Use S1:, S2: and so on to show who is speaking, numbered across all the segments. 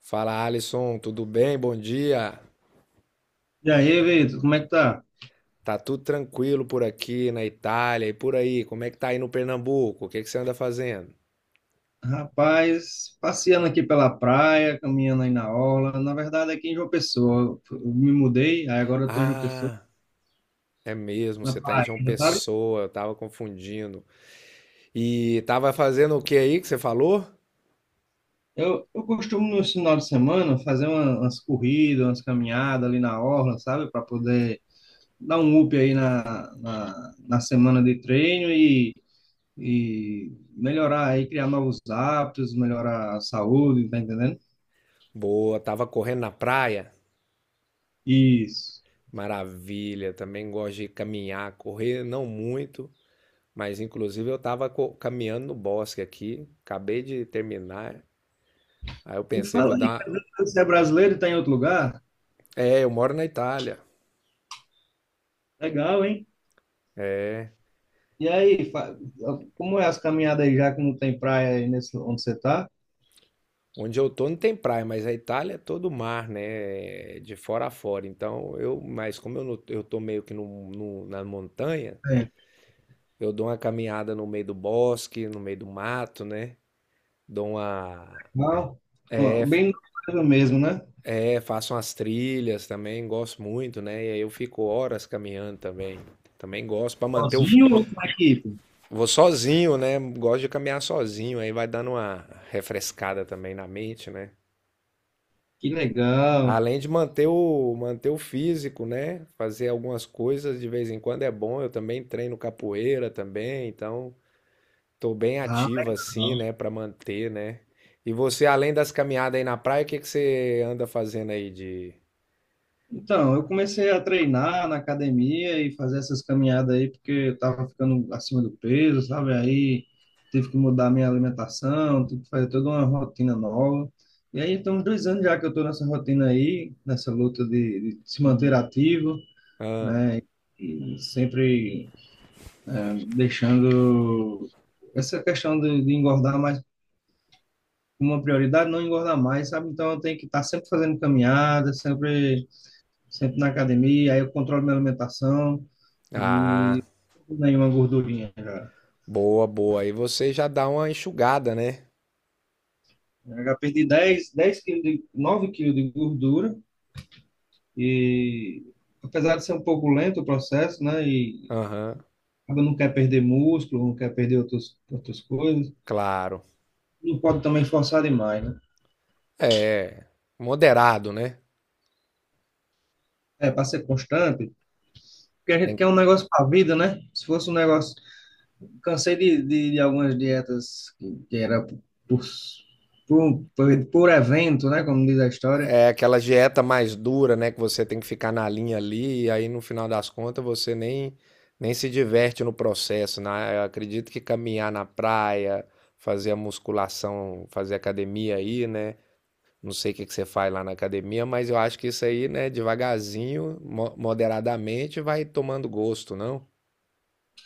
S1: Fala Alisson, tudo bem? Bom dia.
S2: E aí, Vitor, como é que tá?
S1: Tá tudo tranquilo por aqui na Itália e por aí. Como é que tá aí no Pernambuco? O que é que você anda fazendo?
S2: Rapaz, passeando aqui pela praia, caminhando aí na orla. Na verdade, aqui em João Pessoa. Eu me mudei, aí agora eu tô em João Pessoa,
S1: Ah, é mesmo,
S2: na
S1: você tá em João
S2: Paraíba, sabe?
S1: Pessoa, eu tava confundindo. E tava fazendo o que aí que você falou?
S2: Eu costumo, no final de semana, fazer umas corridas, umas caminhadas ali na orla, sabe? Para poder dar um up aí na semana de treino e melhorar aí, criar novos hábitos, melhorar a saúde, tá entendendo?
S1: Boa, tava correndo na praia?
S2: Isso.
S1: Maravilha, também gosto de caminhar, correr não muito, mas inclusive eu tava caminhando no bosque aqui, acabei de terminar. Aí eu
S2: Me
S1: pensei, vou
S2: fala aí,
S1: dar.
S2: cara, você é brasileiro e está em outro lugar?
S1: É, eu moro na Itália.
S2: Legal, hein?
S1: É.
S2: E aí, fa- Como é as caminhadas aí, já que não tem praia aí nesse, onde você tá?
S1: Onde eu tô não tem praia, mas a Itália é todo mar, né? De fora a fora. Então eu, mas como eu, eu tô meio que no, na montanha,
S2: É.
S1: eu dou uma caminhada no meio do bosque, no meio do mato, né? Dou uma.
S2: Não,
S1: É,
S2: Bem no bairro mesmo, né?
S1: é, faço umas trilhas também, gosto muito, né? E aí eu fico horas caminhando também. Também gosto pra manter o.
S2: Sozinho ou com a equipe?
S1: Vou sozinho, né? Gosto de caminhar sozinho, aí vai dando uma refrescada também na mente, né?
S2: Que legal.
S1: Além de manter o, manter o físico, né? Fazer algumas coisas de vez em quando é bom. Eu também treino capoeira também, então tô bem
S2: Ah,
S1: ativo assim,
S2: legal.
S1: né? Pra manter, né? E você, além das caminhadas aí na praia, o que que você anda fazendo aí de...
S2: Então, eu comecei a treinar na academia e fazer essas caminhadas aí, porque eu tava ficando acima do peso, sabe? Aí tive que mudar minha alimentação, tive que fazer toda uma rotina nova. E aí, tem uns 2 anos já que eu tô nessa rotina aí, nessa luta de se manter ativo.
S1: Ah,
S2: Né? E sempre deixando essa questão de engordar mais uma prioridade, não engordar mais, sabe? Então eu tenho que estar sempre fazendo caminhada, sempre, sempre na academia, aí eu controlo minha alimentação
S1: ah,
S2: e nenhuma gordurinha já.
S1: boa, boa. Aí você já dá uma enxugada, né?
S2: Eu já perdi 10 quilos, de, 9 quilos de gordura e apesar de ser um pouco lento o processo, né? E
S1: Aham,
S2: acaba não quer perder músculo, não quer perder outros, outras coisas,
S1: claro.
S2: não pode também forçar demais, né?
S1: É, moderado, né?
S2: É, para ser constante, porque a gente
S1: Tem
S2: quer
S1: que.
S2: um negócio para a vida, né? Se fosse um negócio. Cansei de algumas dietas que era por evento, né? Como diz a história.
S1: É aquela dieta mais dura, né? Que você tem que ficar na linha ali, e aí no final das contas você nem, nem se diverte no processo, né? Eu acredito que caminhar na praia, fazer a musculação, fazer academia aí, né? Não sei o que que você faz lá na academia, mas eu acho que isso aí, né, devagarzinho, moderadamente, vai tomando gosto, não?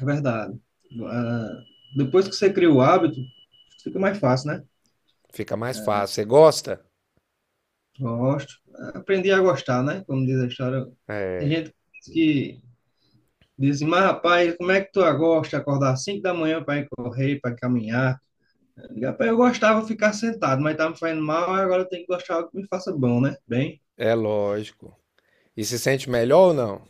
S2: É verdade. Ah, depois que você cria o hábito, fica mais fácil, né?
S1: Fica mais fácil. Você gosta?
S2: Gosto. Aprendi a gostar, né? Como diz a história. Tem
S1: É,
S2: gente que diz assim, mas rapaz, como é que tu gosta de acordar às 5 da manhã para ir correr, para caminhar? Rapaz, eu gostava de ficar sentado, mas tá me fazendo mal, aí agora eu tenho que gostar de algo que me faça bom, né? Bem,
S1: é lógico. E se sente melhor ou não?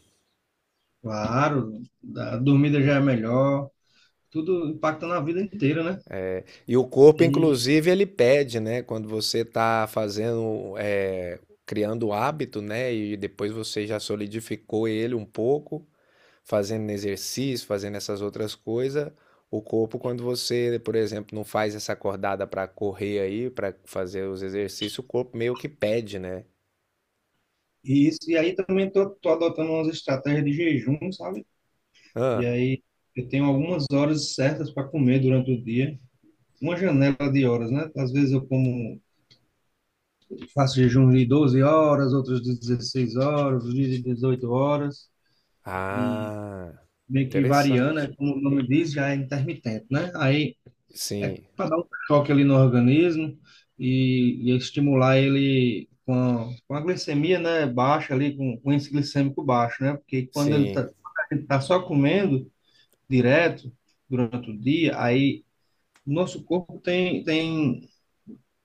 S2: claro, a dormida já é melhor, tudo impacta na vida inteira, né?
S1: E o corpo,
S2: E,
S1: inclusive, ele pede, né? Quando você está fazendo, é, criando o hábito, né? E depois você já solidificou ele um pouco, fazendo exercício, fazendo essas outras coisas. O corpo, quando você, por exemplo, não faz essa acordada para correr aí, para fazer os exercícios, o corpo meio que pede, né?
S2: e aí também tô adotando umas estratégias de jejum, sabe? E
S1: Ah,
S2: aí eu tenho algumas horas certas para comer durante o dia, uma janela de horas, né? Às vezes eu como, faço jejum de 12 horas, outros de 16 horas, outros de 18 horas,
S1: ah,
S2: meio que variando, né?
S1: interessante.
S2: Como o nome diz, já é intermitente, né? Aí é
S1: Sim,
S2: para dar um choque ali no organismo e estimular ele com a glicemia, né, baixa ali, com o índice glicêmico baixo, né? Porque quando ele tá,
S1: sim,
S2: quando a gente tá só comendo direto durante o dia, aí nosso corpo tem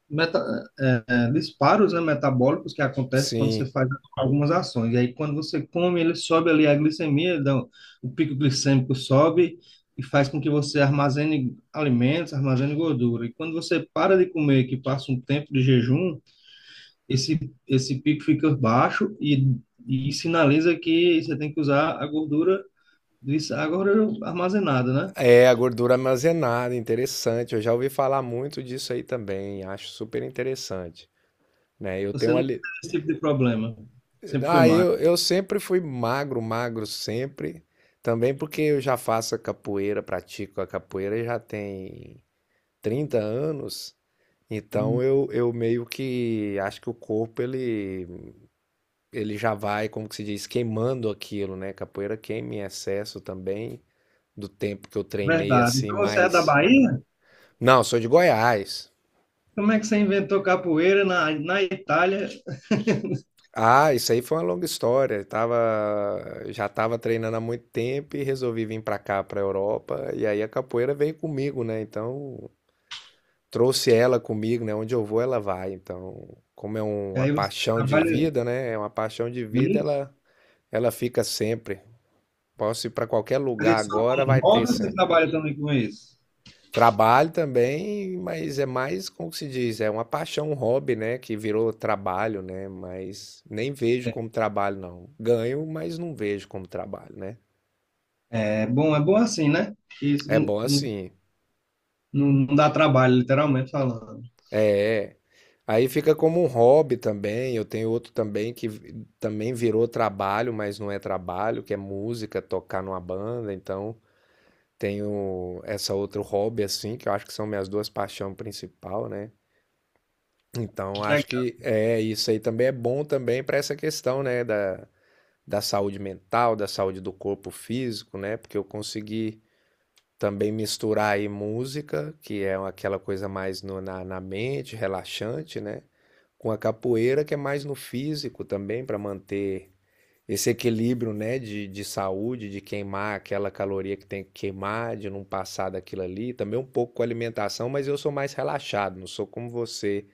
S2: meta, disparos, né, metabólicos que acontecem quando você
S1: sim.
S2: faz algumas ações. E aí, quando você come, ele sobe ali a glicemia, o pico glicêmico sobe e faz com que você armazene alimentos, armazene gordura. E quando você para de comer, que passa um tempo de jejum, esse, esse pico fica baixo e sinaliza que você tem que usar a gordura, a gordura armazenada, né?
S1: É, a gordura armazenada, interessante. Eu já ouvi falar muito disso aí também, acho super interessante, né? Eu
S2: Você
S1: tenho
S2: não tem
S1: ali,
S2: esse tipo de problema. Sempre foi
S1: ah,
S2: magro.
S1: eu sempre fui magro, magro sempre, também porque eu já faço a capoeira, pratico a capoeira já tem 30 anos, então eu meio que acho que o corpo ele, ele já vai, como que se diz, queimando aquilo, né? Capoeira queima em excesso também do tempo que eu treinei
S2: Verdade.
S1: assim,
S2: Então, você é da
S1: mas.
S2: Bahia?
S1: Não, sou de Goiás.
S2: Como é que você inventou capoeira na Itália?
S1: Ah, isso aí foi uma longa história. Eu tava, já estava treinando há muito tempo e resolvi vir para cá, para Europa. E aí a capoeira veio comigo, né? Então trouxe ela comigo, né? Onde eu vou, ela vai. Então, como é
S2: E
S1: uma
S2: aí você
S1: paixão de
S2: trabalha
S1: vida, né? É uma paixão de
S2: com
S1: vida,
S2: isso?
S1: ela fica sempre. Posso ir para qualquer
S2: Mas é
S1: lugar
S2: só
S1: agora,
S2: como
S1: vai ter
S2: hobby ou você
S1: sempre.
S2: trabalha também com isso?
S1: Trabalho também, mas é mais, como que se diz, é uma paixão, um hobby, né, que virou trabalho, né, mas nem vejo
S2: É,
S1: como trabalho, não. Ganho, mas não vejo como trabalho, né.
S2: é bom assim, né? Que isso
S1: É bom assim.
S2: não dá trabalho, literalmente falando.
S1: É, é, aí fica como um hobby também. Eu tenho outro também também virou trabalho, mas não é trabalho, que é música, tocar numa banda, então tenho essa outro hobby assim, que eu acho que são minhas duas paixões principais, né. Então, acho
S2: Legal.
S1: que é isso aí também é bom também para essa questão, né, da, da saúde mental, da saúde do corpo físico, né? Porque eu consegui também misturar aí música, que é aquela coisa mais na, na mente, relaxante, né? Com a capoeira, que é mais no físico também, para manter esse equilíbrio, né, de saúde, de queimar aquela caloria que tem que queimar, de não passar daquilo ali. Também um pouco com alimentação, mas eu sou mais relaxado, não sou como você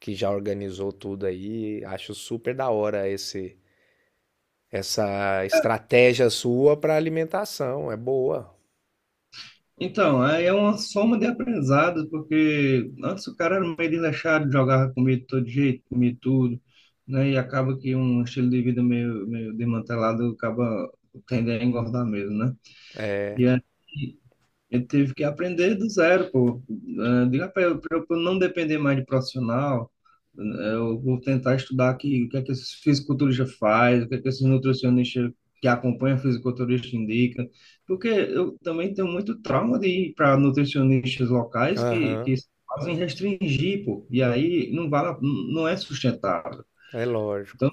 S1: que já organizou tudo aí. Acho super da hora esse essa estratégia sua para alimentação. É boa.
S2: Então, aí é uma soma de aprendizados, porque antes o cara era meio desleixado, jogava comida de todo jeito, comia tudo, né? E acaba que um estilo de vida meio, meio desmantelado acaba tendendo a engordar mesmo, né?
S1: É.
S2: Eu tive que aprender do zero, pô. Ah, diga pra eu não depender mais de profissional, ah, eu vou tentar estudar aqui o que é que esses fisiculturistas fazem, o que é que esses nutricionistas que acompanham fisiculturista indicam, porque eu também tenho muito trauma de ir para nutricionistas locais
S1: Aham.
S2: que fazem restringir, pô. E aí não vale, não é sustentável.
S1: É lógico.
S2: Então,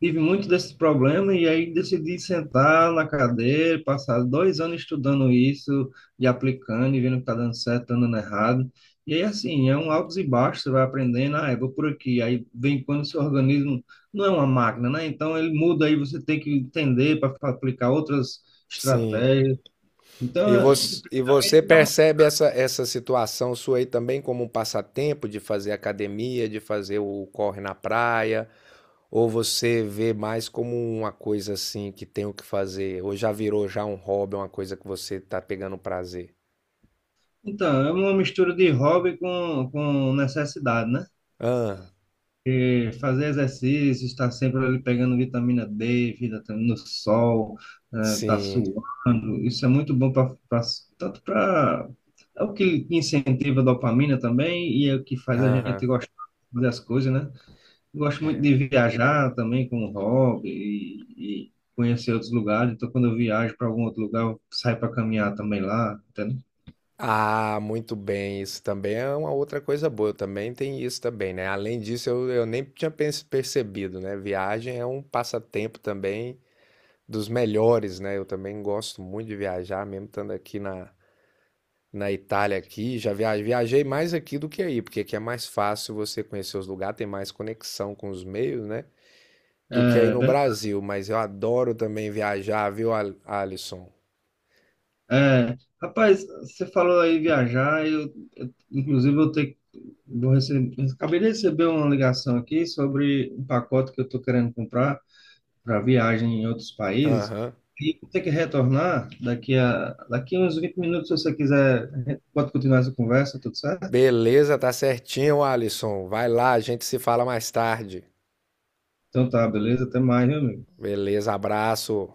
S2: tive muito desse problema e aí decidi sentar na cadeira, passar 2 anos estudando isso e aplicando e vendo que está dando certo, tá dando errado. E aí, assim, é um altos e baixos, você vai aprendendo, ah, eu vou por aqui. Aí vem quando o seu organismo não é uma máquina, né? Então ele muda aí, você tem que entender para aplicar outras
S1: Sim.
S2: estratégias. Então, é-
S1: E você percebe essa, essa situação sua aí também como um passatempo de fazer academia, de fazer o corre na praia? Ou você vê mais como uma coisa assim que tem o que fazer? Ou já virou já um hobby, uma coisa que você tá pegando prazer?
S2: então, é uma mistura de hobby com necessidade, né?
S1: Ah,
S2: Fazer exercício, estar sempre ali pegando vitamina D, vitamina no sol, tá
S1: sim.
S2: suando. Isso é muito bom para tanto para é o que incentiva a dopamina também e é o que faz a gente
S1: Aham.
S2: gostar das coisas, né? Eu gosto muito de viajar também como hobby e conhecer outros lugares. Então, quando eu viajo para algum outro lugar, eu saio para caminhar também lá, entendeu?
S1: Ah, muito bem. Isso também é uma outra coisa boa. Também tem isso também, né? Além disso, eu nem tinha percebido, né? Viagem é um passatempo também dos melhores, né? Eu também gosto muito de viajar, mesmo estando aqui na, na Itália aqui. Já viajei, viajei mais aqui do que aí, porque aqui é mais fácil você conhecer os lugares, tem mais conexão com os meios, né? Do que aí no
S2: É.
S1: Brasil. Mas eu adoro também viajar, viu, Alisson?
S2: É, rapaz, você falou aí viajar, inclusive eu tenho, vou receber, acabei de receber uma ligação aqui sobre um pacote que eu estou querendo comprar para viagem em outros países
S1: Aham.
S2: e vou ter que retornar daqui a uns 20 minutos, se você quiser, a gente pode continuar essa conversa, tudo certo?
S1: Beleza, tá certinho, Alisson. Vai lá, a gente se fala mais tarde.
S2: Então tá, beleza, até mais, meu amigo.
S1: Beleza, abraço.